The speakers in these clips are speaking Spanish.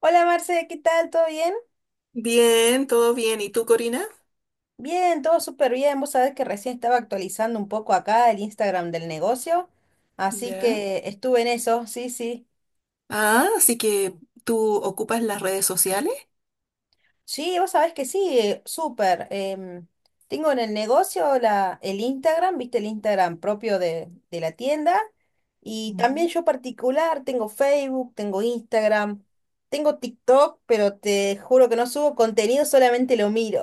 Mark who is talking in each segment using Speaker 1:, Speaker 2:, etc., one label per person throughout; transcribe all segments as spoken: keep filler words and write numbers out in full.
Speaker 1: Hola Marce, ¿qué tal? ¿Todo bien?
Speaker 2: Bien, todo bien. ¿Y tú, Corina?
Speaker 1: Bien, todo súper bien. Vos sabés que recién estaba actualizando un poco acá el Instagram del negocio, así
Speaker 2: Ya.
Speaker 1: que estuve en eso, sí, sí.
Speaker 2: Ah, así que tú ocupas las redes sociales.
Speaker 1: Sí, vos sabés que sí, eh, súper. Em, tengo en el negocio la, el Instagram, viste el Instagram propio de, de la tienda, y también
Speaker 2: Ujú.
Speaker 1: yo particular, tengo Facebook, tengo Instagram, tengo TikTok, pero te juro que no subo contenido, solamente lo miro.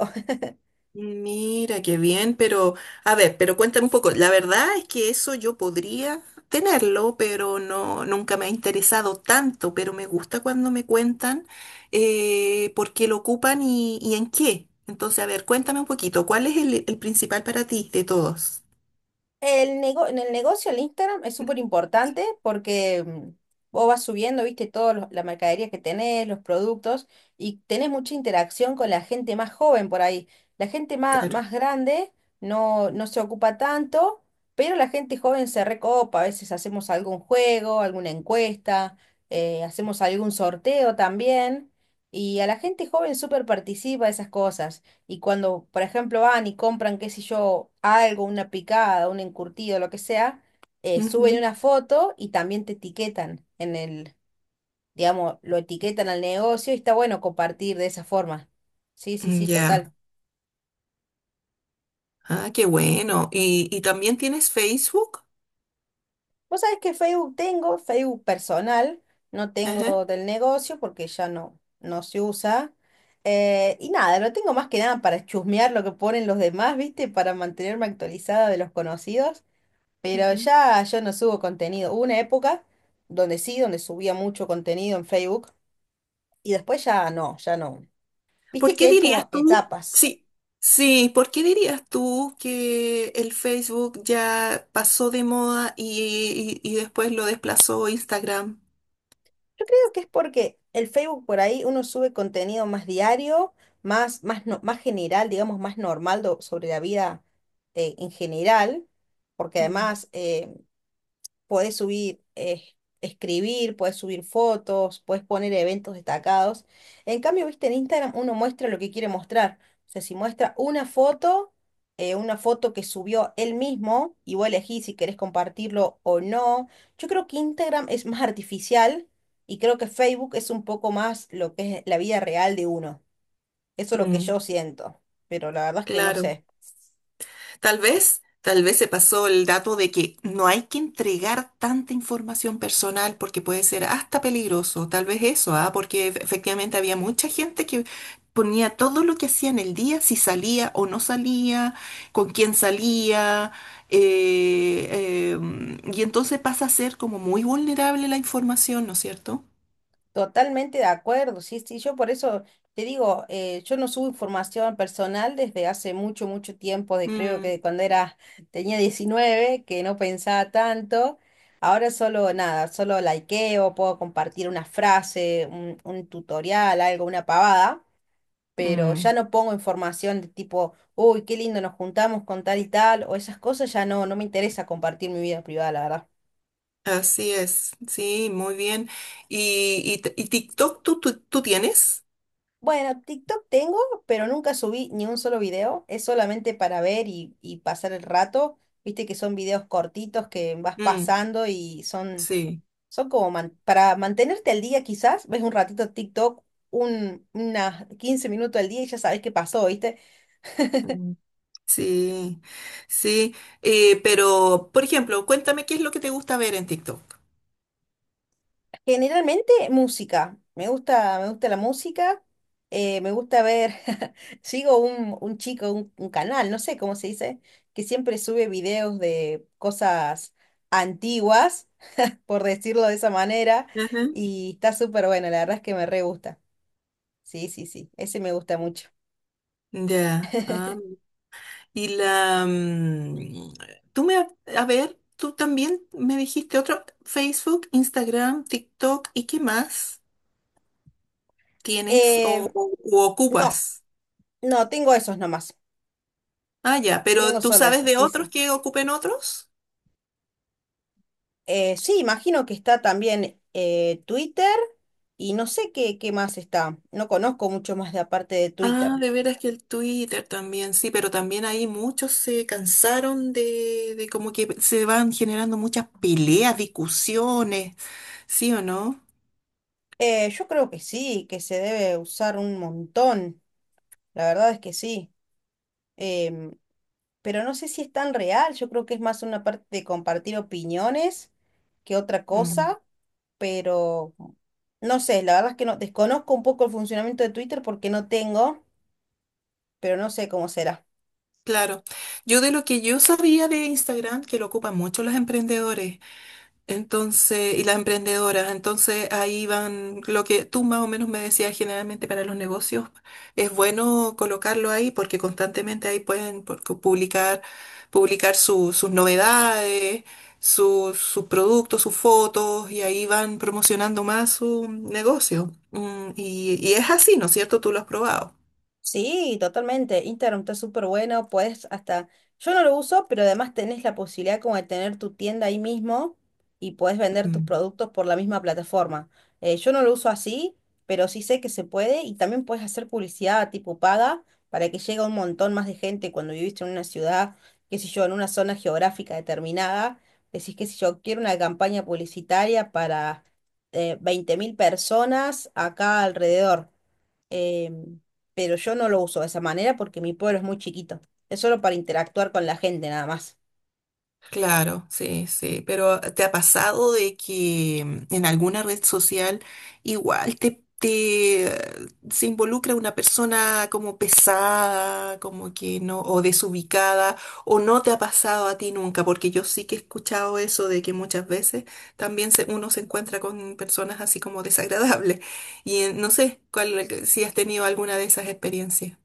Speaker 2: Mira, qué bien, pero a ver, pero cuéntame un poco. La verdad es que eso yo podría tenerlo, pero no, nunca me ha interesado tanto, pero me gusta cuando me cuentan eh, por qué lo ocupan y, y en qué. Entonces, a ver, cuéntame un poquito, ¿cuál es el, el principal para ti de todos?
Speaker 1: El nego- en el negocio, el Instagram es súper importante porque mm, vos vas subiendo, viste, toda la mercadería que tenés, los productos, y tenés mucha interacción con la gente más joven por ahí. La gente más,
Speaker 2: Claro.
Speaker 1: más grande no, no se ocupa tanto, pero la gente joven se recopa. A veces hacemos algún juego, alguna encuesta, eh, hacemos algún sorteo también, y a la gente joven súper participa de esas cosas. Y cuando, por ejemplo, van y compran, qué sé yo, algo, una picada, un encurtido, lo que sea, eh, suben
Speaker 2: Ujú.
Speaker 1: una foto y también te etiquetan en el, digamos, lo etiquetan al negocio y está bueno compartir de esa forma. Sí, sí, sí, total.
Speaker 2: Ya. Ah, qué bueno. ¿Y, y también tienes Facebook?
Speaker 1: Vos sabés que Facebook tengo, Facebook personal, no
Speaker 2: Ajá.
Speaker 1: tengo del negocio porque ya no, no se usa. Eh, y nada, lo tengo más que nada para chusmear lo que ponen los demás, ¿viste? Para mantenerme actualizada de los conocidos. Pero
Speaker 2: Ujú.
Speaker 1: ya yo no subo contenido. Hubo una época donde sí, donde subía mucho contenido en Facebook y después ya no, ya no.
Speaker 2: ¿Por
Speaker 1: Viste
Speaker 2: qué
Speaker 1: que es
Speaker 2: dirías
Speaker 1: como
Speaker 2: tú?
Speaker 1: etapas.
Speaker 2: Sí, sí, ¿por qué dirías tú que el Facebook ya pasó de moda y, y- y después lo desplazó Instagram?
Speaker 1: Yo creo que es porque el Facebook por ahí uno sube contenido más diario, más, más, no- más general, digamos, más normal do- sobre la vida eh, en general, porque
Speaker 2: Mm.
Speaker 1: además eh, podés subir, eh, escribir, podés subir fotos, podés poner eventos destacados. En cambio, viste, en Instagram uno muestra lo que quiere mostrar. O sea, si muestra una foto, eh, una foto que subió él mismo, y vos elegís si querés compartirlo o no. Yo creo que Instagram es más artificial y creo que Facebook es un poco más lo que es la vida real de uno. Eso es lo que
Speaker 2: Mm,
Speaker 1: yo siento. Pero la verdad es que no
Speaker 2: claro.
Speaker 1: sé.
Speaker 2: Tal vez, tal vez se pasó el dato de que no hay que entregar tanta información personal porque puede ser hasta peligroso, tal vez eso, ¿ah? Porque ef- efectivamente había mucha gente que ponía todo lo que hacía en el día, si salía o no salía, con quién salía, eh, eh, y entonces pasa a ser como muy vulnerable la información, ¿no es cierto?
Speaker 1: Totalmente de acuerdo, sí, sí, yo por eso te digo, eh, yo no subo información personal desde hace mucho, mucho tiempo, de creo que
Speaker 2: Mm,
Speaker 1: de cuando era, tenía diecinueve, que no pensaba tanto, ahora solo nada, solo likeo, puedo compartir una frase, un, un tutorial, algo, una pavada, pero ya
Speaker 2: mm,
Speaker 1: no pongo información de tipo, uy, qué lindo, nos juntamos con tal y tal, o esas cosas, ya no, no me interesa compartir mi vida privada, la verdad.
Speaker 2: así es, sí, muy bien. ¿Y, y t- y TikTok tú, tú, tú tienes?
Speaker 1: Bueno, TikTok tengo, pero nunca subí ni un solo video. Es solamente para ver y, y pasar el rato. Viste que son videos cortitos que vas pasando y son,
Speaker 2: Sí,
Speaker 1: son como man- para mantenerte al día quizás. Ves un ratito TikTok, un, unas quince minutos al día y ya sabes qué pasó, ¿viste?
Speaker 2: mm, sí, sí. Eh, pero, por ejemplo, cuéntame qué es lo que te gusta ver en TikTok.
Speaker 1: Generalmente música. Me gusta, me gusta la música. Eh, me gusta ver. Sigo un, un chico, un, un canal, no sé cómo se dice, que siempre sube videos de cosas antiguas, por decirlo de esa manera.
Speaker 2: Ajá.
Speaker 1: Y está súper bueno, la verdad es que me re gusta. Sí, sí, sí. Ese me gusta mucho.
Speaker 2: Ya. ah, y la... mm, tú me... ha- A ver, tú también me dijiste otro, Facebook, Instagram, TikTok, ¿y qué más tienes o,
Speaker 1: Eh,
Speaker 2: o- u
Speaker 1: no,
Speaker 2: ocupas?
Speaker 1: no, tengo esos nomás.
Speaker 2: Ah, ya, pero
Speaker 1: Tengo
Speaker 2: ¿tú
Speaker 1: solo
Speaker 2: sabes
Speaker 1: esos,
Speaker 2: de
Speaker 1: sí,
Speaker 2: otros
Speaker 1: sí.
Speaker 2: que ocupen otros?
Speaker 1: Eh, sí, imagino que está también eh, Twitter y no sé qué, qué más está. No conozco mucho más de aparte de
Speaker 2: Ah,
Speaker 1: Twitter.
Speaker 2: de veras que el Twitter también, sí, pero también ahí muchos se cansaron de, de como que se van generando muchas peleas, discusiones, ¿sí o no?
Speaker 1: Eh, yo creo que sí, que se debe usar un montón. La verdad es que sí. Em, pero no sé si es tan real. Yo creo que es más una parte de compartir opiniones que otra
Speaker 2: Mm,
Speaker 1: cosa. Pero no sé, la verdad es que no desconozco un poco el funcionamiento de Twitter porque no tengo, pero no sé cómo será.
Speaker 2: claro. Yo de lo que yo sabía de Instagram, que lo ocupan mucho los emprendedores, entonces, y las emprendedoras, entonces ahí van lo que tú más o menos me decías generalmente para los negocios, es bueno colocarlo ahí porque constantemente ahí pueden por- publicar, publicar su- sus novedades, su- sus productos, sus fotos y ahí van promocionando más su negocio. Mm, y, y es así, ¿no es cierto? Tú lo has probado.
Speaker 1: Sí, totalmente. Instagram está súper bueno, puedes hasta, yo no lo uso, pero además tenés la posibilidad como de tener tu tienda ahí mismo y podés vender tus productos por la misma plataforma. Eh, yo no lo uso así, pero sí sé que se puede y también puedes hacer publicidad tipo paga para que llegue a un montón más de gente cuando viviste en una ciudad, qué sé yo, en una zona geográfica determinada. Decís, qué sé yo, quiero una campaña publicitaria para eh, veinte mil personas acá alrededor eh, pero yo no lo uso de esa manera porque mi pueblo es muy chiquito. Es solo para interactuar con la gente nada más.
Speaker 2: Claro, sí, sí, pero ¿te ha pasado de que mm, en alguna red social igual te, te eh, se involucra una persona como pesada, como que no, o desubicada, o no te ha pasado a ti nunca? Porque yo sí que he escuchado eso de que muchas veces también se- uno se encuentra con personas así como desagradables. Y eh, no sé cuál, eh, si has tenido alguna de esas experiencias.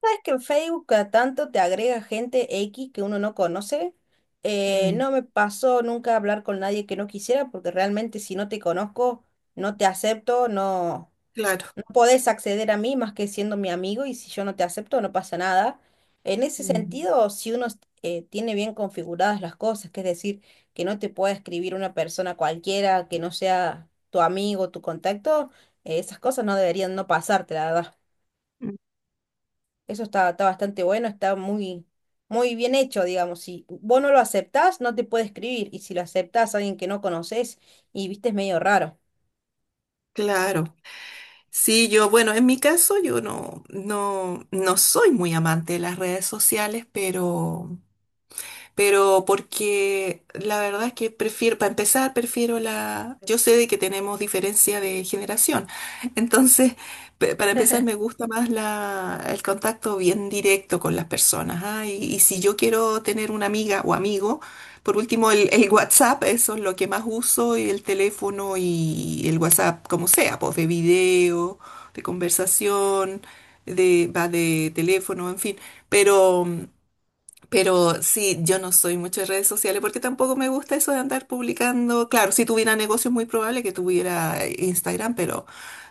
Speaker 1: ¿Sabes que en Facebook cada tanto te agrega gente X que uno no conoce? Eh,
Speaker 2: Mm,
Speaker 1: no me pasó nunca hablar con nadie que no quisiera porque realmente si no te conozco, no te acepto, no.
Speaker 2: claro,
Speaker 1: Podés acceder a mí más que siendo mi amigo y si yo no te acepto no pasa nada. En ese
Speaker 2: mm,
Speaker 1: sentido, si uno eh, tiene bien configuradas las cosas, que es decir, que no te pueda escribir una persona cualquiera que no sea tu amigo, tu contacto, eh, esas cosas no deberían no pasarte, la verdad.
Speaker 2: mm,
Speaker 1: Eso está, está bastante bueno, está muy, muy bien hecho, digamos. Si vos no lo aceptás, no te puede escribir y si lo aceptás a alguien que no conoces y viste, es medio raro.
Speaker 2: claro. Sí, yo, bueno, en mi caso yo no, no, no soy muy amante de las redes sociales, pero pero porque la verdad es que prefiero, para empezar, prefiero la... Yo sé de que tenemos diferencia de generación, entonces, pe- para empezar, me gusta más la, el contacto bien directo con las personas, ¿ah? Y, y si yo quiero tener una amiga o amigo, por último, el, el WhatsApp, eso es lo que más uso, y el teléfono y el WhatsApp, como sea, pues de video, de conversación, de, va de teléfono, en fin, pero... mm, pero sí, yo no soy mucho de redes sociales porque tampoco me gusta eso de andar publicando. Claro, si tuviera negocios, muy probable que tuviera eh, Instagram, pero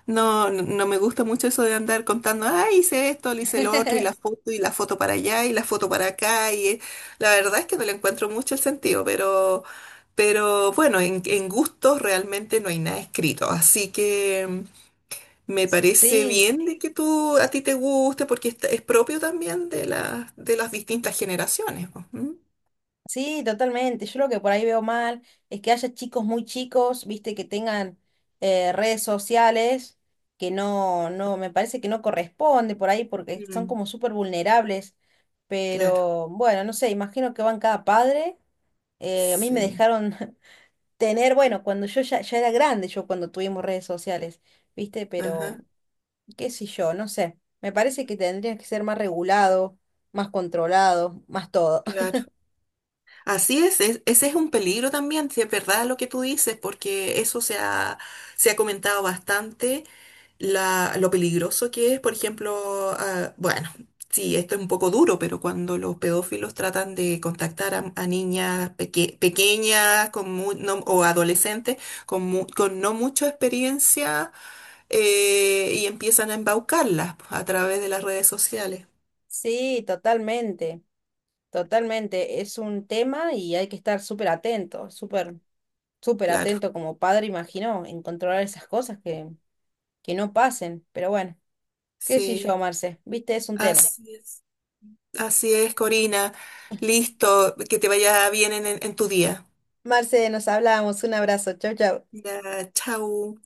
Speaker 2: no, no no me gusta mucho eso de andar contando, ah, hice esto, le hice lo otro, y la foto, y la foto para allá, y la foto para acá. Y eh, la verdad es que no le encuentro mucho el sentido, pero, pero bueno, en, en gustos realmente no hay nada escrito. Así que. Mm, me parece
Speaker 1: Sí.
Speaker 2: bien de que tú a ti te guste porque esta- es propio también de las de las distintas generaciones. Po. ¿Mm?
Speaker 1: Sí, totalmente. Yo lo que por ahí veo mal es que haya chicos muy chicos, viste, que tengan eh, redes sociales, que no, no, me parece que no corresponde por ahí porque son
Speaker 2: Mm.
Speaker 1: como súper vulnerables.
Speaker 2: Claro,
Speaker 1: Pero bueno, no sé, imagino que van cada padre. Eh, a mí me
Speaker 2: sí,
Speaker 1: dejaron tener, bueno, cuando yo ya, ya era grande, yo cuando tuvimos redes sociales, viste, pero
Speaker 2: ajá,
Speaker 1: qué sé yo, no sé. Me parece que tendría que ser más regulado, más controlado, más todo.
Speaker 2: claro. Así es, es- ese es un peligro también, si es verdad lo que tú dices, porque eso se ha, se ha comentado bastante la- lo peligroso que es, por ejemplo, ah, bueno, sí, esto es un poco duro, pero cuando los pedófilos tratan de contactar a, a niñas peque- pequeñas con mu- no- o adolescentes con, mu- con no mucha experiencia eh, y empiezan a embaucarlas a través de las redes sociales,
Speaker 1: Sí, totalmente, totalmente. Es un tema y hay que estar súper atento, súper, súper
Speaker 2: claro,
Speaker 1: atento como padre, imagino, en controlar esas cosas que, que no pasen. Pero bueno, qué sé
Speaker 2: sí,
Speaker 1: yo, Marce, viste, es un tema.
Speaker 2: así es, así es, Corina, listo, que te vaya bien en, en en tu día.
Speaker 1: Marce, nos hablamos, un abrazo, chau, chau.
Speaker 2: Ya, chau.